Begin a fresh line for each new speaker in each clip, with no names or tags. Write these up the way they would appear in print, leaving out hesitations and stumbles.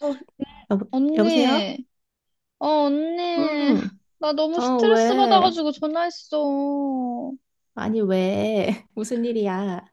어, 여보, 여보세요?
언니, 어, 언니.
음,
나 너무
어,
스트레스
왜?
받아가지고 전화했어.
아니, 왜? 무슨 일이야?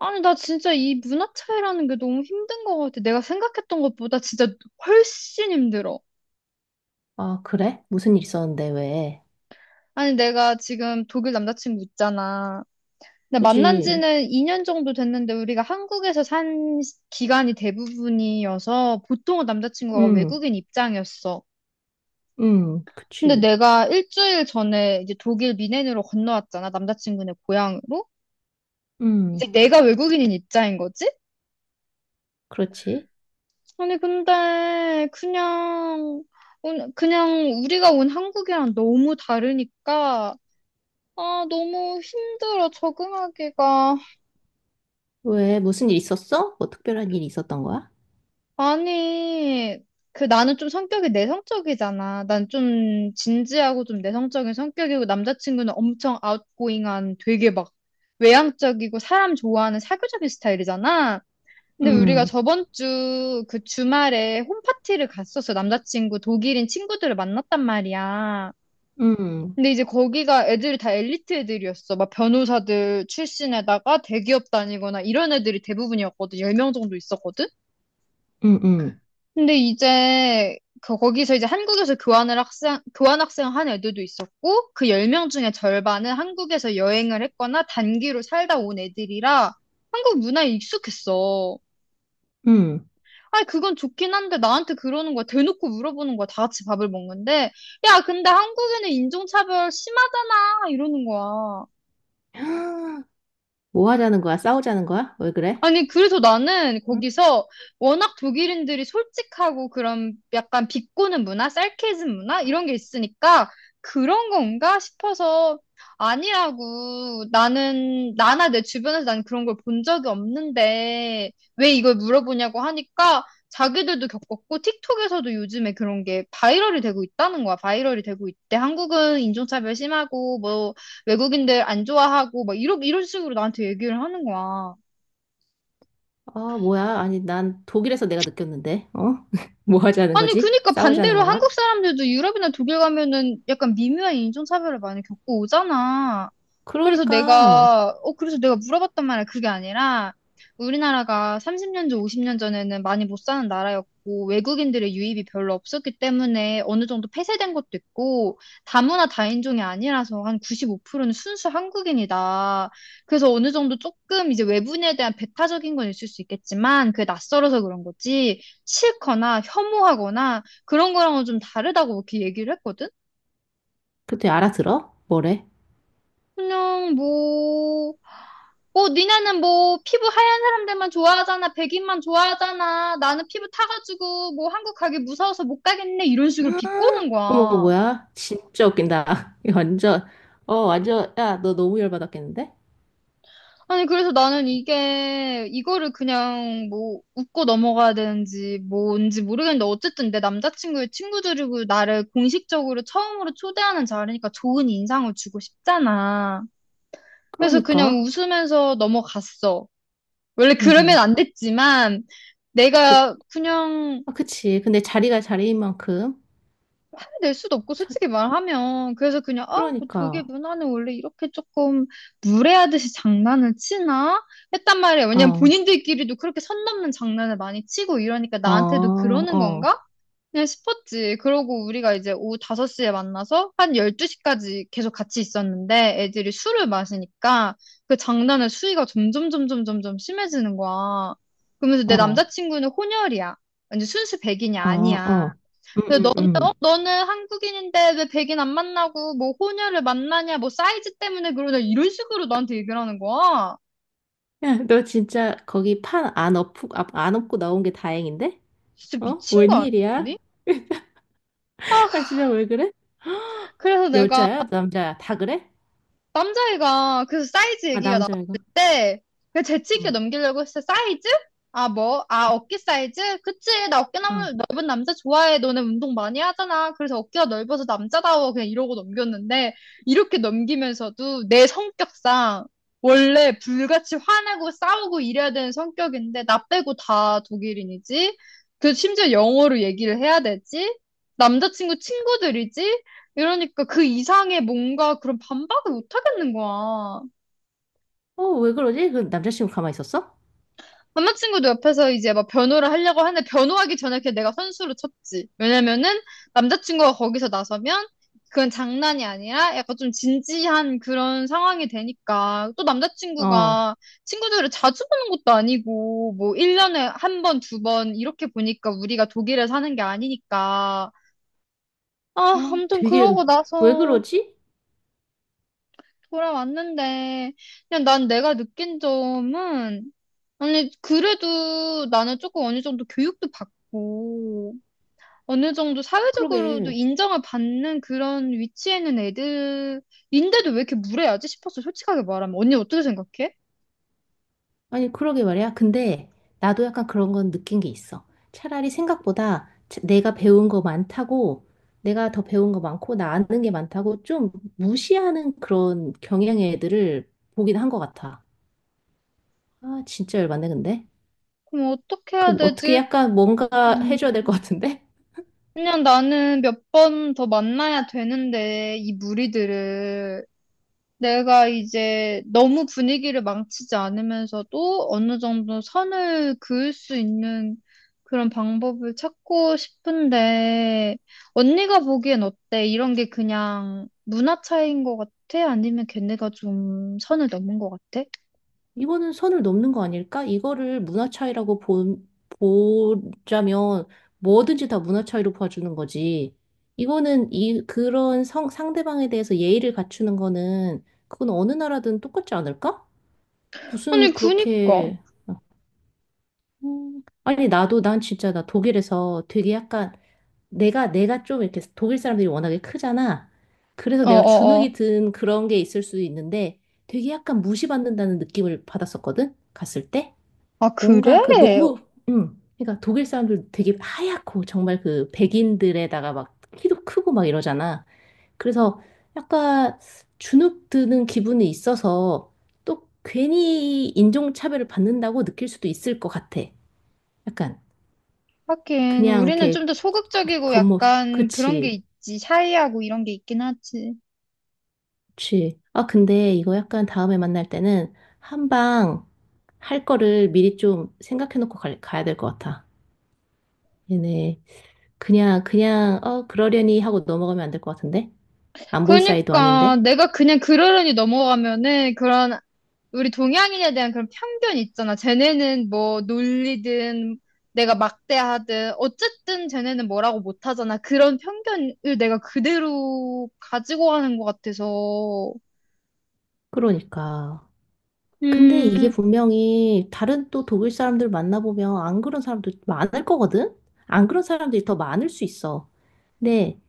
아니, 나 진짜 이 문화 차이라는 게 너무 힘든 것 같아. 내가 생각했던 것보다 진짜 훨씬 힘들어.
아, 그래? 무슨 일 있었는데, 왜?
아니, 내가 지금 독일 남자친구 있잖아. 근데 만난
그지?
지는 2년 정도 됐는데 우리가 한국에서 산 기간이 대부분이어서 보통은 남자친구가
음,
외국인 입장이었어. 근데
그치.
내가 일주일 전에 이제 독일 미넨으로 건너왔잖아. 남자친구네 고향으로.
음,
내가 외국인인 입장인 거지?
그렇지.
아니, 근데, 그냥, 그냥 우리가 온 한국이랑 너무 다르니까, 아, 너무 힘들어, 적응하기가.
왜? 무슨 일 있었어? 뭐 특별한 일이 있었던 거야?
아니, 그 나는 좀 성격이 내성적이잖아. 난 좀 진지하고 좀 내성적인 성격이고, 남자친구는 엄청 아웃고잉한 되게 막 외향적이고, 사람 좋아하는 사교적인 스타일이잖아. 근데 우리가
음,
저번 주 그 주말에 홈파티를 갔었어. 남자친구 독일인 친구들을 만났단 말이야.
음,
근데 이제 거기가 애들이 다 엘리트 애들이었어. 막 변호사들 출신에다가 대기업 다니거나 이런 애들이 대부분이었거든. 10명 정도 있었거든.
음, 음,
근데 이제 그 거기서 이제 한국에서 교환을 학생 교환 학생 한 애들도 있었고 그 10명 중에 절반은 한국에서 여행을 했거나 단기로 살다 온 애들이라 한국 문화에 익숙했어.
음.
아니, 그건 좋긴 한데, 나한테 그러는 거야. 대놓고 물어보는 거야. 다 같이 밥을 먹는데. 야, 근데 한국에는 인종차별 심하잖아. 이러는 거야.
뭐 하자는 거야? 싸우자는 거야? 왜 그래?
아니, 그래서 나는
응?
거기서 워낙 독일인들이 솔직하고 그런 약간 비꼬는 문화, sarcasm 문화? 이런 게 있으니까 그런 건가 싶어서 아니라고 나는, 나나 내 주변에서 난 그런 걸 본 적이 없는데 왜 이걸 물어보냐고 하니까 자기들도 겪었고 틱톡에서도 요즘에 그런 게 바이럴이 되고 있다는 거야. 바이럴이 되고 있대. 한국은 인종차별 심하고 뭐 외국인들 안 좋아하고 막 이런 식으로 나한테 얘기를 하는 거야.
아, 뭐야? 아니, 난 독일에서 내가 느꼈는데, 어? 뭐 하자는
아니,
거지?
그니까
싸우자는
반대로
건가?
한국 사람들도 유럽이나 독일 가면은 약간 미묘한 인종차별을 많이 겪고 오잖아. 그래서
그러니까.
내가, 어, 그래서 내가 물어봤단 말이야. 그게 아니라, 우리나라가 30년 전, 50년 전에는 많이 못 사는 나라였고, 외국인들의 유입이 별로 없었기 때문에 어느 정도 폐쇄된 것도 있고, 다문화 다인종이 아니라서 한 95%는 순수 한국인이다. 그래서 어느 정도 조금 이제 외부인에 대한 배타적인 건 있을 수 있겠지만, 그게 낯설어서 그런 거지. 싫거나 혐오하거나 그런 거랑은 좀 다르다고 이렇게 얘기를 했거든?
그때 알아들어? 뭐래?
그냥 뭐, 니네는 뭐, 피부 하얀 사람들만 좋아하잖아. 백인만 좋아하잖아. 나는 피부 타가지고 뭐 한국 가기 무서워서 못 가겠네. 이런 식으로 비꼬는
어머,
거야.
뭐야? 진짜 웃긴다. 이거 완전, 어, 완전, 야, 너 너무 열받았겠는데?
아니, 그래서 나는 이거를 그냥 뭐, 웃고 넘어가야 되는지 뭔지 모르겠는데, 어쨌든 내 남자친구의 친구들이고 나를 공식적으로 처음으로 초대하는 자리니까 좋은 인상을 주고 싶잖아. 그래서 그냥
그러니까.
웃으면서 넘어갔어. 원래 그러면
음,
안 됐지만,
그,
내가 그냥
아, 그치. 근데 자리가 자리인 만큼.
화를 낼 수도 없고,
참,
솔직히 말하면. 그래서 그냥, 아, 뭐 독일
그러니까.
문화는 원래 이렇게 조금 무례하듯이 장난을 치나? 했단 말이야. 왜냐면
어,
본인들끼리도 그렇게 선 넘는 장난을 많이 치고 이러니까
어,
나한테도 그러는
어,
건가? 그냥 싶었지. 그러고 우리가 이제 오후 5시에 만나서 한 12시까지 계속 같이 있었는데 애들이 술을 마시니까 그 장난의 수위가 점점 심해지는 거야. 그러면서 내
어,
남자친구는 혼혈이야. 완전 순수 백인이
어,
아니야.
어. 음,
근데
음,
너는, 어?
음.
너는 한국인인데 왜 백인 안 만나고 뭐 혼혈을 만나냐, 뭐 사이즈 때문에 그러냐, 이런 식으로 나한테 얘기를 하는 거야.
야, 너 진짜 거기 판 안 엎고, 아, 안 엎고 나온 게 다행인데?
진짜
어?
미친 거
웬일이야?
아니니? 아,
아, 진짜 왜 그래?
그래서 내가
여자야? 남자야? 다 그래?
남자애가 그래서 사이즈
아,
얘기가 나왔을
남자애가.
때 그냥 재치 있게
어,
넘기려고 했어. 사이즈? 아, 뭐? 아, 어깨 사이즈? 그치. 나 어깨
어.
넓은 남자 좋아해. 너네 운동 많이 하잖아. 그래서 어깨가 넓어서 남자다워. 그냥 이러고 넘겼는데 이렇게 넘기면서도 내 성격상 원래 불같이 화내고 싸우고 이래야 되는 성격인데 나 빼고 다 독일인이지. 그 심지어 영어로 얘기를 해야 되지. 남자친구 친구들이지. 이러니까 그 이상의 뭔가 그런 반박을 못 하겠는 거야.
어, 왜 그러지? 그 남자친구 가만히 있었어?
남자친구도 옆에서 이제 막 변호를 하려고 하는데 변호하기 전에 그냥 내가 선수로 쳤지. 왜냐면은 남자친구가 거기서 나서면 그건 장난이 아니라 약간 좀 진지한 그런 상황이 되니까 또
어, 어,
남자친구가 친구들을 자주 보는 것도 아니고 뭐 1년에 한 번, 두 번 이렇게 보니까 우리가 독일에 사는 게 아니니까. 아, 아무튼
되게,
그러고
왜
나서
그러지?
돌아왔는데, 그냥 난 내가 느낀 점은, 아니, 그래도 나는 조금 어느 정도 교육도 받고, 어느 정도 사회적으로도
그러게.
인정을 받는 그런 위치에 있는 애들인데도 왜 이렇게 무례하지 싶었어, 솔직하게 말하면. 언니 어떻게 생각해?
아니, 그러게 말이야. 근데 나도 약간 그런 건 느낀 게 있어. 차라리 생각보다 내가 배운 거 많다고, 내가 더 배운 거 많고, 나 아는 게 많다고 좀 무시하는 그런 경향의 애들을 보긴 한 것 같아. 아, 진짜 열받네, 근데.
그럼 어떻게 해야
그럼 어떻게
되지?
약간 뭔가
음,
해줘야 될 것 같은데?
그냥 나는 몇 번 더 만나야 되는데, 이 무리들을. 내가 이제 너무 분위기를 망치지 않으면서도 어느 정도 선을 그을 수 있는 그런 방법을 찾고 싶은데, 언니가 보기엔 어때? 이런 게 그냥 문화 차이인 것 같아? 아니면 걔네가 좀 선을 넘은 것 같아?
이거는 선을 넘는 거 아닐까? 이거를 문화 차이라고 보자면 뭐든지 다 문화 차이로 봐주는 거지. 이거는 이 그런 상대방에 대해서 예의를 갖추는 거는 그건 어느 나라든 똑같지 않을까?
아니,
무슨
그니까.
그렇게 아니 나도 난 진짜 나 독일에서 되게 약간 내가 좀 이렇게 독일 사람들이 워낙에 크잖아. 그래서 내가
어어어.
주눅이 든 그런 게 있을 수 있는데 되게 약간 무시받는다는 느낌을 받았었거든. 갔을 때.
아, 그래?
뭔가 그 너무, 그러니까 독일 사람들 되게 하얗고 정말 그 백인들에다가 막 키도 크고 막 이러잖아. 그래서 약간 주눅 드는 기분이 있어서 또 괜히 인종차별을 받는다고 느낄 수도 있을 것 같아. 약간
하긴,
그냥
우리는 좀
이렇게
더 소극적이고
겉모습,
약간 그런 게
그치,
있지. 샤이하고 이런 게 있긴 하지.
그치. 아, 근데 이거 약간 다음에 만날 때는 한방 할 거를 미리 좀 생각해 놓고 가야 될 것 같아. 얘네. 그러려니 하고 넘어가면 안 될 것 같은데? 안 볼 사이도
그러니까
아닌데?
내가 그냥 그러려니 넘어가면은 그런 우리 동양인에 대한 그런 편견 있잖아. 쟤네는 뭐 놀리든 내가 막대하든 어쨌든 쟤네는 뭐라고 못하잖아. 그런 편견을 내가 그대로 가지고 가는 것 같아서.
그러니까. 근데 이게 분명히 다른 또 독일 사람들 만나보면 안 그런 사람도 많을 거거든? 안 그런 사람들이 더 많을 수 있어. 근데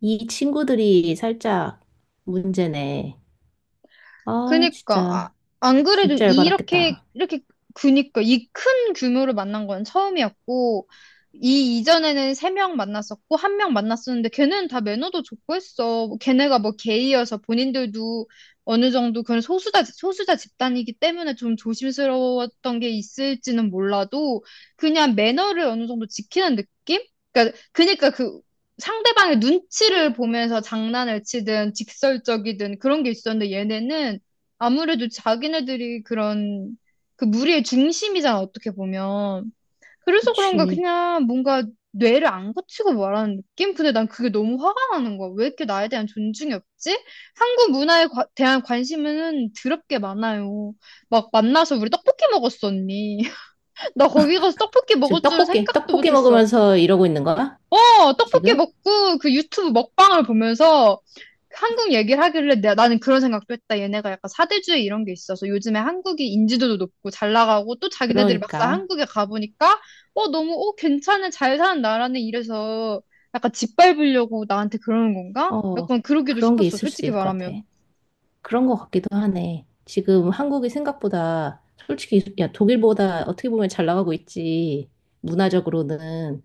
이 친구들이 살짝 문제네. 아,
그니까, 아,
진짜,
안 그래도
진짜
이렇게,
열받았겠다.
이렇게, 그니까, 이 큰 규모를 만난 건 처음이었고, 이 이전에는 세 명 만났었고, 한 명 만났었는데, 걔는 다 매너도 좋고 했어. 뭐 걔네가 뭐 게이여서 본인들도 어느 정도 그런 소수자 집단이기 때문에 좀 조심스러웠던 게 있을지는 몰라도, 그냥 매너를 어느 정도 지키는 느낌? 그니까 그, 상대방의 눈치를 보면서 장난을 치든 직설적이든 그런 게 있었는데 얘네는 아무래도 자기네들이 그런 그 무리의 중심이잖아, 어떻게 보면. 그래서 그런가
그치.
그냥 뭔가 뇌를 안 거치고 말하는 느낌? 근데 난 그게 너무 화가 나는 거야. 왜 이렇게 나에 대한 존중이 없지? 한국 문화에 대한 관심은 드럽게 많아요. 막 만나서 우리 떡볶이 먹었어, 언니. 나 거기 가서 떡볶이
지금
먹을 줄은 생각도
떡볶이
못했어.
먹으면서 이러고 있는 거야?
어, 떡볶이
지금?
먹고 그 유튜브 먹방을 보면서 한국 얘기를 하길래 나는 그런 생각도 했다. 얘네가 약간 사대주의 이런 게 있어서 요즘에 한국이 인지도도 높고 잘 나가고 또 자기네들이 막상
그러니까,
한국에 가보니까 어, 너무 어, 괜찮은 잘 사는 나라네 이래서 약간 짓밟으려고 나한테 그러는 건가?
어,
약간 그러기도
그런 게
싶었어.
있을 수도
솔직히
있을 것 같아.
말하면.
그런 것 같기도 하네. 지금 한국이 생각보다 솔직히 야, 독일보다 어떻게 보면 잘 나가고 있지. 문화적으로는.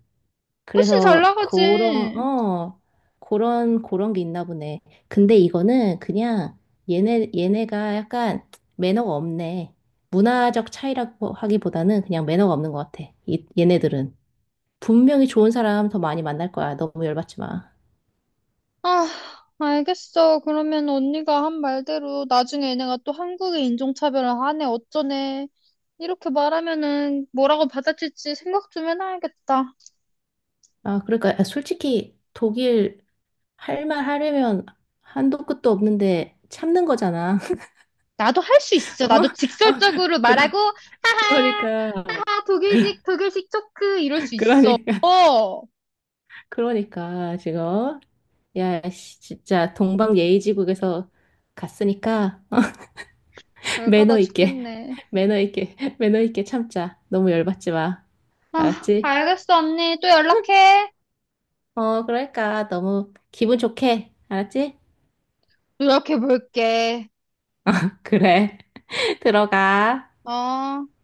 훨씬 잘
그래서 그런
나가지.
어 그런 게 있나 보네. 근데 이거는 그냥 얘네가 약간 매너가 없네. 문화적 차이라고 하기보다는 그냥 매너가 없는 것 같아. 이, 얘네들은 분명히 좋은 사람 더 많이 만날 거야. 너무 열받지 마.
아, 알겠어. 그러면 언니가 한 말대로 나중에 얘네가 또 한국의 인종차별을 하네, 어쩌네. 이렇게 말하면은 뭐라고 받아칠지 생각 좀 해놔야겠다.
아, 그러니까 솔직히 독일 할 말 하려면 한도 끝도 없는데 참는 거잖아.
나도 할 수 있어.
어?
나도
어?
직설적으로
그러,
말하고, 하하,
그러니까,
하하, 독일식 초크, 이럴 수 있어.
그러니까,
어,
그러니까 지금 야, 씨, 진짜 동방예의지국에서 갔으니까
열받아
매너 있게,
죽겠네.
매너 있게 참자. 너무 열받지 마.
아,
알았지?
알겠어, 언니. 또 연락해.
어, 그러니까 너무 기분 좋게. 알았지?
노력해볼게.
그래. 들어가.
어.